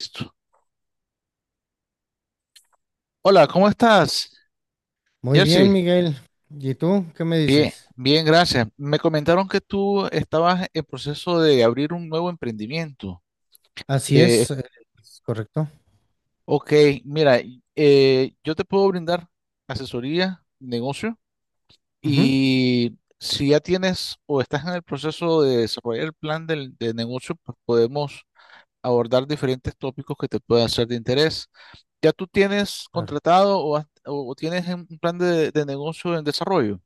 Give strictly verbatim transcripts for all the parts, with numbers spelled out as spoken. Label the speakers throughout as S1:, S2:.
S1: Listo. Hola, ¿cómo estás,
S2: Muy bien,
S1: Jersey?
S2: Miguel. ¿Y tú qué me
S1: Bien,
S2: dices?
S1: bien, gracias. Me comentaron que tú estabas en proceso de abrir un nuevo emprendimiento.
S2: Así
S1: Eh,
S2: es, eh, es correcto.
S1: ok, mira, y- eh, yo te puedo brindar asesoría, negocio,
S2: Ujú,
S1: y si ya tienes o estás en el proceso de desarrollar el plan del, de negocio, pues podemos abordar diferentes tópicos que te puedan ser de interés. ¿Ya tú tienes
S2: claro.
S1: contratado o, has- o tienes un plan de de negocio en desarrollo?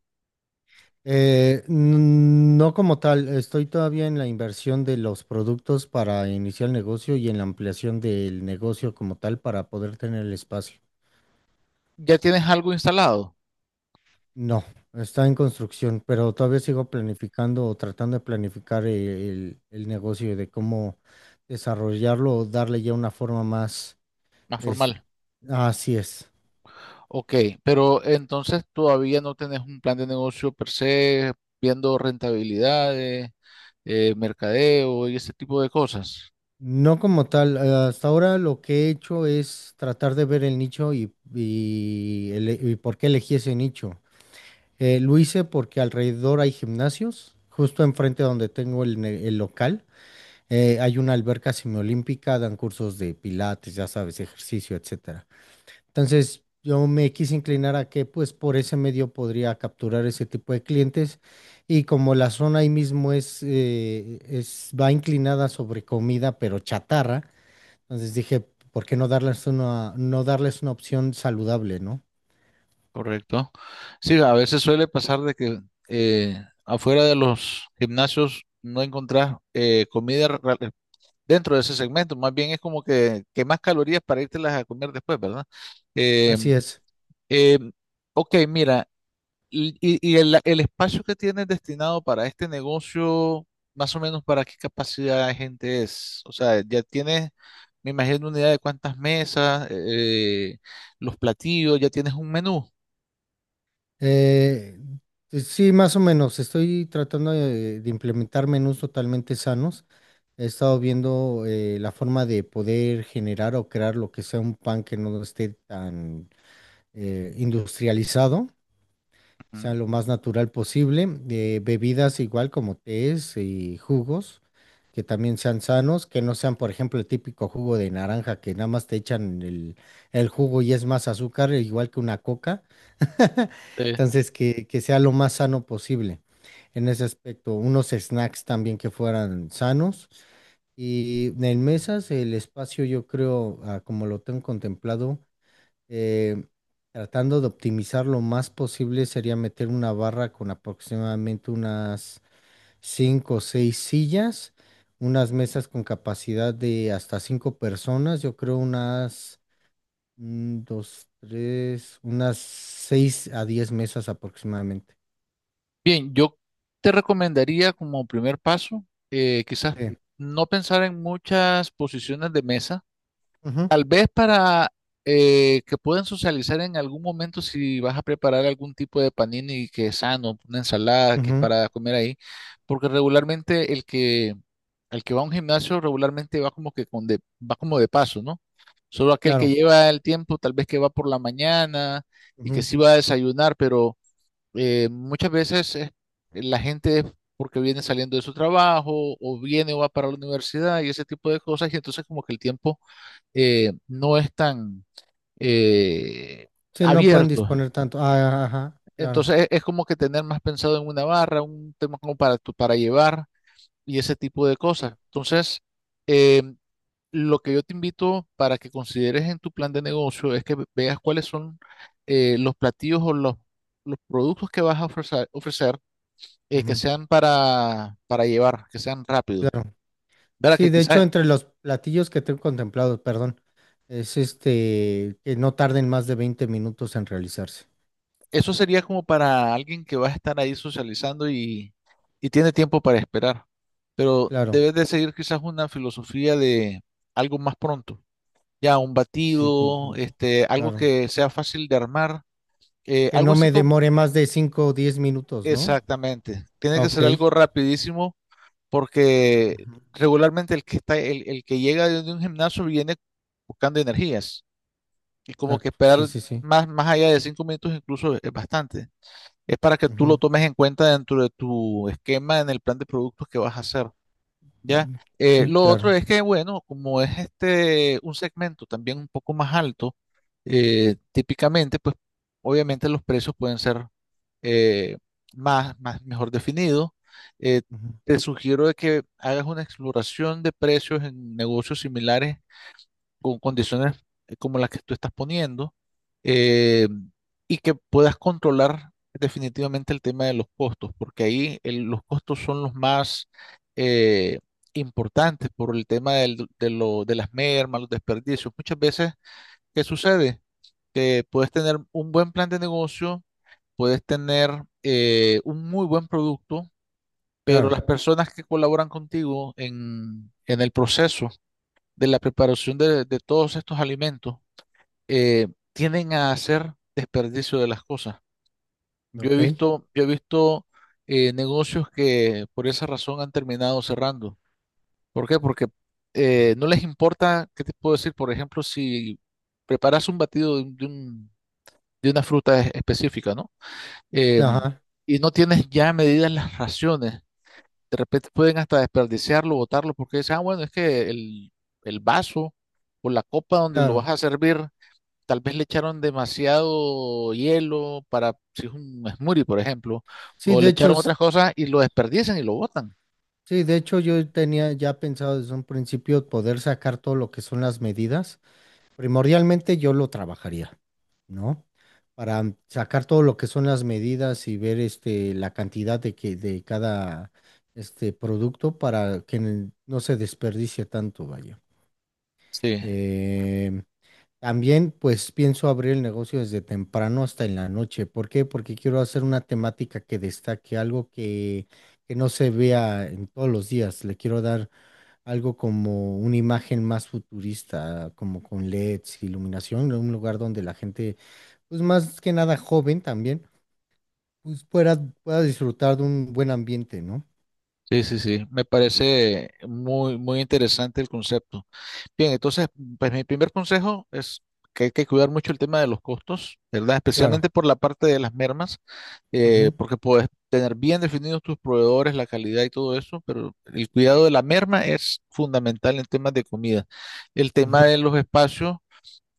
S2: Eh, n- no como tal, estoy todavía en la inversión de los productos para iniciar el negocio y en la ampliación del negocio como tal para poder tener el espacio.
S1: Ya tienes algo instalado,
S2: No, está en construcción, pero todavía sigo planificando o tratando de planificar eh, el, el negocio de cómo desarrollarlo o darle ya una forma más.
S1: más
S2: es-
S1: formal.
S2: Así es.
S1: Ok, pero entonces todavía no tenés un plan de negocio per se, viendo rentabilidades, eh, mercadeo y ese tipo de cosas,
S2: No como tal, eh, hasta ahora lo que he hecho es tratar de ver el nicho y, y ele- y por qué elegí ese nicho. Eh, lo hice porque alrededor hay gimnasios, justo enfrente donde tengo el, ne- el local, eh, hay una alberca semiolímpica, dan cursos de pilates, ya sabes, ejercicio, etcétera. Entonces yo me quise inclinar a que pues por ese medio podría capturar ese tipo de clientes y como la zona ahí mismo es, eh, es va inclinada sobre comida, pero chatarra. Entonces dije, ¿por qué no darles una, ¿no darles una opción saludable, ¿no?
S1: ¿correcto? Sí, a veces suele pasar de que eh, afuera de los gimnasios no encontrás eh, comida ra- dentro de ese segmento, más bien es como que, que más calorías para las a comer después, ¿verdad? Eh,
S2: Así es.
S1: eh, ok, mira. Y, y- y el, el espacio que tienes destinado para este negocio, más o menos para qué capacidad de gente es. O sea, ya tienes, me imagino, una idea de cuántas mesas, eh, los platillos, ya tienes un menú.
S2: Eh, pues sí, más o menos. Estoy tratando de, de implementar menús totalmente sanos. He estado viendo eh, la forma de poder generar o crear lo que sea un pan que no esté tan eh, industrializado, o
S1: Ujú.
S2: sea, lo más natural posible. Eh, bebidas igual como tés y jugos, que también sean sanos, que no sean, por ejemplo, el típico jugo de naranja, que nada más te echan el, el jugo y es más azúcar, e igual que una coca.
S1: Eh,
S2: Entonces, que, que sea lo más sano posible en ese aspecto. Unos snacks también que fueran sanos. Y en mesas, el espacio, yo creo, ah, como lo tengo contemplado, eh, tratando de optimizar lo más posible sería meter una barra con aproximadamente unas cinco o seis sillas, unas mesas con capacidad de hasta cinco personas, yo creo unas mm, dos, tres, unas seis a diez mesas aproximadamente.
S1: bien, yo te recomendaría como primer paso, eh, quizás
S2: Sí.
S1: no pensar en muchas posiciones de mesa.
S2: Ujú,
S1: Tal vez para eh, que puedan socializar en algún momento si vas a preparar algún tipo de panini que es sano, una ensalada que es
S2: ujú,
S1: para comer ahí, porque regularmente el que, el que va a un gimnasio regularmente va como que con de, va como de paso, ¿no? Solo aquel que
S2: claro.
S1: lleva el tiempo, tal vez que va por la mañana y que
S2: Ujú.
S1: sí va a desayunar, pero eh, muchas veces eh, la gente es porque viene saliendo de su trabajo o viene o va para la universidad y ese tipo de cosas, y entonces como que el tiempo eh, no es tan eh,
S2: Sí, no pueden
S1: abierto.
S2: disponer tanto. Ah, ajá, claro.
S1: Entonces es, es como que tener más pensado en una barra, un tema como para, tu- para llevar y ese tipo de cosas. Entonces, eh, lo que yo te invito para que consideres en tu plan de negocio es que ve- veas cuáles son eh, los platillos o los, los productos que vas a ofrecer, ofrecer, eh, que
S2: Ujú,
S1: sean para, para llevar, que sean rápidos.
S2: claro.
S1: ¿Verdad?
S2: Sí,
S1: Que
S2: de hecho,
S1: quizás
S2: entre los platillos que tengo contemplados, perdón, es este, que no tarden más de veinte minutos en realizarse.
S1: eso sería como para alguien que va a estar ahí socializando y, y tiene tiempo para esperar. Pero
S2: Claro,
S1: debes de seguir quizás una filosofía de algo más pronto. Ya un
S2: sí, cu-
S1: batido,
S2: cu-
S1: este, algo
S2: claro.
S1: que sea fácil de armar, eh,
S2: ¿Que
S1: algo
S2: no
S1: así
S2: me
S1: como,
S2: demore más de cinco o diez minutos, no?
S1: exactamente. Tiene que
S2: Ok,
S1: ser algo rapidísimo porque
S2: ujú.
S1: regularmente el que está, el, el que llega de un gimnasio viene buscando energías y como que
S2: Exacto, sí,
S1: esperar
S2: sí, sí.
S1: más, más allá de cinco minutos incluso es bastante. Es para que tú lo
S2: Ujú,
S1: tomes en cuenta dentro de tu esquema en el plan de productos que vas a hacer, ¿ya?
S2: mm,
S1: Eh,
S2: sí,
S1: lo otro
S2: claro,
S1: es que, bueno, como es este un segmento también un poco más alto, eh, típicamente, pues obviamente los precios pueden ser eh, más, más mejor definidos. Eh,
S2: ujú,
S1: te sugiero de que hagas una exploración de precios en negocios similares con condiciones eh, como las que tú estás poniendo, eh, y que puedas controlar definitivamente el tema de los costos, porque ahí el- los costos son los más eh, importantes por el tema del- de, lo- de las mermas, los desperdicios. Muchas veces, ¿qué sucede? Que puedes tener un buen plan de negocio, puedes tener eh, un muy buen producto, pero
S2: claro,
S1: las personas que colaboran contigo en, en el proceso de la preparación de de todos estos alimentos, eh, tienden a hacer desperdicio de las cosas. Yo he
S2: ok.
S1: visto, yo he visto eh, negocios que por esa razón han terminado cerrando. ¿Por qué? Porque eh, no les importa, ¿qué te puedo decir? Por ejemplo, si preparas un batido de, un- de un- de una fruta es- específica, ¿no? Eh,
S2: Ajá,
S1: y no tienes ya medidas las raciones, de repente pueden hasta desperdiciarlo, botarlo, porque dicen, ah, bueno, es que el, el vaso o la copa donde lo vas
S2: claro.
S1: a servir. Tal vez le echaron demasiado hielo para si es un smoothie, por ejemplo,
S2: Sí,
S1: o le
S2: de hecho,
S1: echaron
S2: s-
S1: otras cosas y lo desperdician y lo botan.
S2: sí, de hecho yo tenía ya pensado desde un principio poder sacar todo lo que son las medidas. Primordialmente yo lo trabajaría, ¿no? Para sacar todo lo que son las medidas y ver este, la cantidad de, que, de cada este, producto para que n- no se desperdicie tanto, vaya.
S1: Sí,
S2: Eh, también pues pienso abrir el negocio desde temprano hasta en la noche. ¿Por qué? Porque quiero hacer una temática que destaque, algo que, que no se vea en todos los días. Le quiero dar algo como una imagen más futurista, ah, como con L E Ds, iluminación, un lugar donde la gente, pues más que nada joven también, pues pueda, pueda disfrutar de un buen ambiente, ¿no?
S1: sí, sí, sí. Me parece muy, muy interesante el concepto. Bien, entonces, pues mi primer consejo es que hay que cuidar mucho el tema de los costos, ¿verdad?
S2: Claro.
S1: Especialmente por la parte de las mermas, eh,
S2: Ujú,
S1: porque puedes tener bien definidos tus proveedores, la calidad y todo eso, pero el cuidado de la merma es fundamental en temas de comida. El tema de
S2: ujú.
S1: los espacios.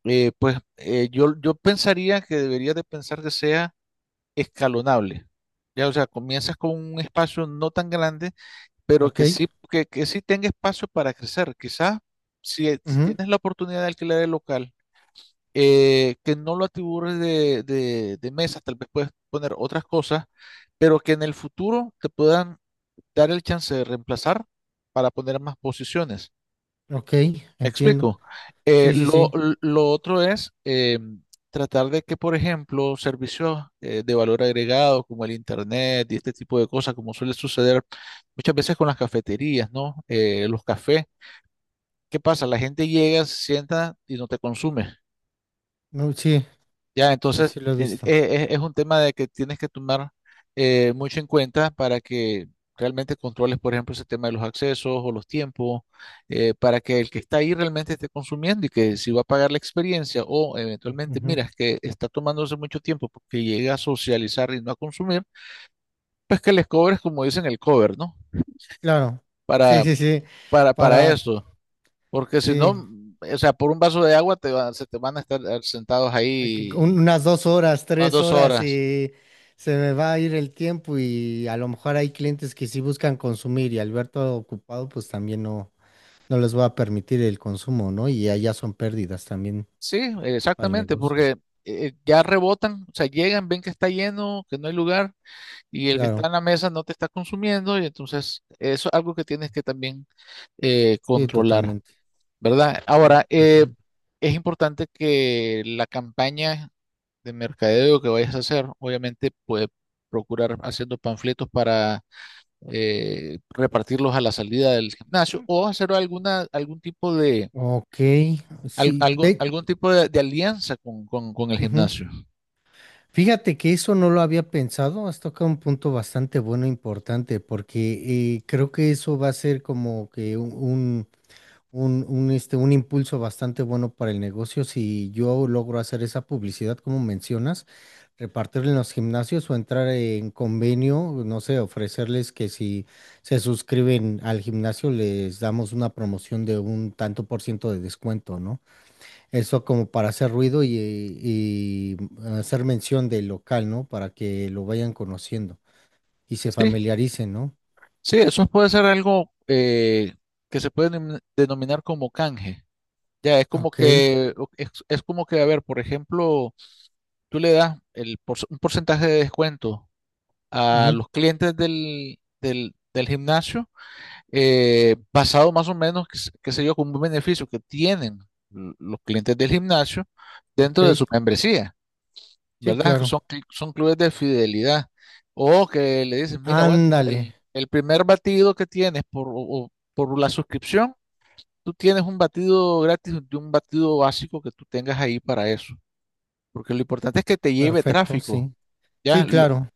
S1: Eh, pues eh, yo, yo pensaría que deberías de pensar que sea escalonable. Ya, o sea, comienzas con un espacio no tan grande, pero
S2: Ok,
S1: que sí, que, que sí tenga espacio para crecer. Quizás si, eh, si
S2: ujú,
S1: tienes la oportunidad de alquilar el local, eh, que no lo atibures de, de, de mesas, tal vez puedes poner otras cosas, pero que en el futuro te puedan dar el chance de reemplazar para poner más posiciones.
S2: ok,
S1: Me
S2: entiendo.
S1: explico. Eh,
S2: Sí, sí,
S1: lo,
S2: sí.
S1: lo otro es eh, tratar de que, por ejemplo, servicios eh, de valor agregado como el Internet y este tipo de cosas, como suele suceder muchas veces con las cafeterías, ¿no? Eh, los cafés. ¿Qué pasa? La gente llega, se sienta y no te consume.
S2: No, sí,
S1: Ya,
S2: sí,
S1: entonces
S2: sí lo he
S1: eh,
S2: visto.
S1: eh, es un tema de que tienes que tomar eh, mucho en cuenta para que realmente controles, por ejemplo, ese tema de los accesos o los tiempos, eh, para que el que está ahí realmente esté consumiendo y que si va a pagar la experiencia o eventualmente
S2: Ujú,
S1: miras que está tomándose mucho tiempo porque llega a socializar y no a consumir, pues que les cobres, como dicen, el cover, ¿no?
S2: claro. Sí,
S1: Para,
S2: sí, sí.
S1: para, para
S2: Para,
S1: eso. Porque si no,
S2: sí.
S1: mm, o sea, por un vaso de agua te va- se te van a estar eh, sentados
S2: Aquí un-
S1: ahí
S2: Unas dos horas,
S1: unas
S2: tres
S1: dos
S2: horas
S1: horas.
S2: y se me va a ir el tiempo y a lo mejor hay clientes que sí buscan consumir y Alberto ocupado pues también no, no les va a permitir el consumo, ¿no? Y allá son pérdidas también
S1: Sí,
S2: para el
S1: exactamente,
S2: negocio.
S1: porque eh, ya rebotan, o sea, llegan, ven que está lleno, que no hay lugar y el que está
S2: Claro,
S1: en la mesa no te está consumiendo y entonces eso es algo que tienes que también eh,
S2: sí,
S1: controlar,
S2: totalmente.
S1: ¿verdad?
S2: Sí,
S1: Ahora,
S2: sí,
S1: eh,
S2: sí.
S1: es importante que la campaña de mercadeo que vayas a hacer, obviamente, pues procurar haciendo panfletos para eh, repartirlos a la salida del gimnasio o hacer alguna, algún tipo de
S2: Ok,
S1: al-
S2: sí.
S1: algún,
S2: De-
S1: algún tipo de, de alianza con, con- con el
S2: ujú.
S1: gimnasio.
S2: Fíjate que eso no lo había pensado, has tocado un punto bastante bueno, e importante, porque eh, creo que eso va a ser como que un, un un, un, este, un impulso bastante bueno para el negocio si yo logro hacer esa publicidad, como mencionas, repartirla en los gimnasios o entrar en convenio, no sé, ofrecerles que si se suscriben al gimnasio les damos una promoción de un tanto por ciento de descuento, ¿no? Eso como para hacer ruido y, y hacer mención del local, ¿no? Para que lo vayan conociendo y se
S1: Sí,
S2: familiaricen, ¿no?
S1: sí, eso puede ser algo eh, que se puede denom- denominar como canje. Ya, es como
S2: Ok,
S1: que, o- es, es como que, a ver, por ejemplo, tú le das el, por- un porcentaje de descuento a
S2: ujú,
S1: los clientes del, del, del gimnasio, eh, basado más o menos, qué sé qué sé yo, con un beneficio que tienen l- los clientes del gimnasio
S2: ok,
S1: dentro de su membresía.
S2: sí,
S1: ¿Verdad? Que
S2: claro.
S1: son, cl- son clubes de fidelidad. O que le dicen, mira, bueno,
S2: Ándale.
S1: el, el primer batido que tienes por, o- o por la suscripción, tú tienes un batido gratis de un batido básico que tú tengas ahí para eso. Porque lo importante es que te lleve
S2: Perfecto, sí.
S1: tráfico, ¿ya?
S2: Sí,
S1: Lo-
S2: claro.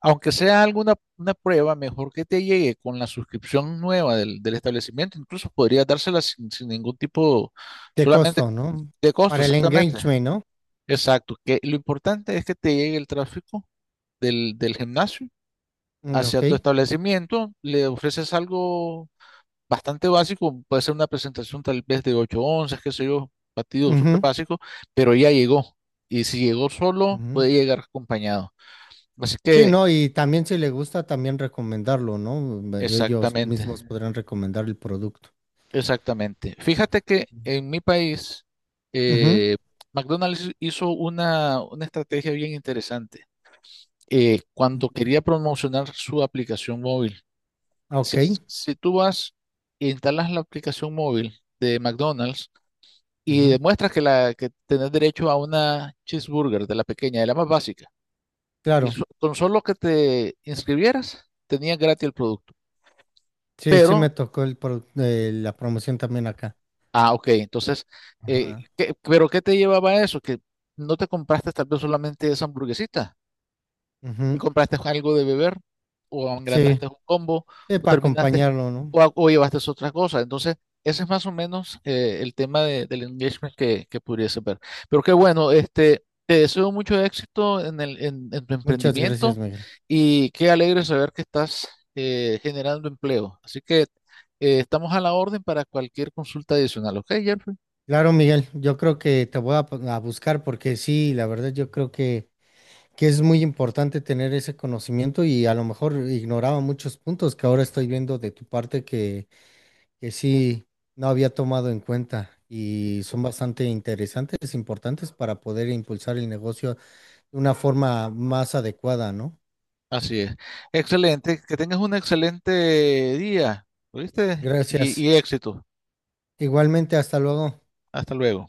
S1: aunque sea alguna una prueba, mejor que te llegue con la suscripción nueva del, del establecimiento. Incluso podría dársela sin, sin ningún tipo,
S2: De
S1: solamente
S2: costo, ¿no?
S1: de costo,
S2: Para el
S1: exactamente.
S2: engagement, ¿no?
S1: Exacto. Que lo importante es que te llegue el tráfico del, del gimnasio
S2: Mm,
S1: hacia
S2: ok.
S1: tu establecimiento, le ofreces algo bastante básico, puede ser una presentación tal vez de ocho onzas, qué sé yo, batido súper
S2: Ujú,
S1: básico, pero ya llegó. Y si llegó solo,
S2: ujú.
S1: puede llegar acompañado. Así
S2: Sí,
S1: que,
S2: no, y también si le gusta, también recomendarlo, ¿no? Me- Ellos
S1: exactamente,
S2: mismos podrán recomendar el producto.
S1: exactamente. Fíjate que en mi país,
S2: Ujú,
S1: eh, McDonald's hizo una, una estrategia bien interesante, eh, cuando quería promocionar su aplicación móvil. Si,
S2: ok.
S1: si tú vas e instalas la aplicación móvil de McDonald's y
S2: Ujú,
S1: demuestras que, la, que tenés derecho a una cheeseburger de la pequeña, de la más básica, y
S2: claro.
S1: so- con solo que te inscribieras, tenías gratis el producto.
S2: Sí, sí
S1: Pero,
S2: me tocó el pro- eh, la promoción también acá.
S1: ah, ok, entonces, eh,
S2: Ajá.
S1: ¿qué- pero ¿qué te llevaba a eso? Que no te compraste tal vez solamente esa hamburguesita, y
S2: Ujú,
S1: compraste algo de beber, o
S2: sí,
S1: engrandaste un combo,
S2: sí,
S1: o
S2: para
S1: terminaste,
S2: acompañarlo, ¿no?
S1: o, a- o llevaste otra cosa. Entonces, ese es más o menos eh, el tema de- del engagement que, que pudiese ver. Pero qué bueno, este, te deseo mucho éxito en el, en, en tu
S2: Muchas gracias,
S1: emprendimiento
S2: Miguel.
S1: y qué alegre saber que estás eh, generando empleo. Así que eh, estamos a la orden para cualquier consulta adicional, ¿ok, Jeffrey?
S2: Claro, Miguel, yo creo que te voy a, p- a buscar porque sí, la verdad yo creo que... que es muy importante tener ese conocimiento y a lo mejor ignoraba muchos puntos que ahora estoy viendo de tu parte que, que sí no había tomado en cuenta y son bastante interesantes, importantes para poder impulsar el negocio de una forma más adecuada, ¿no?
S1: Así es. Excelente. Que tengas un excelente día, ¿oíste? Y,
S2: Gracias.
S1: y éxito.
S2: Igualmente, hasta luego.
S1: Hasta luego.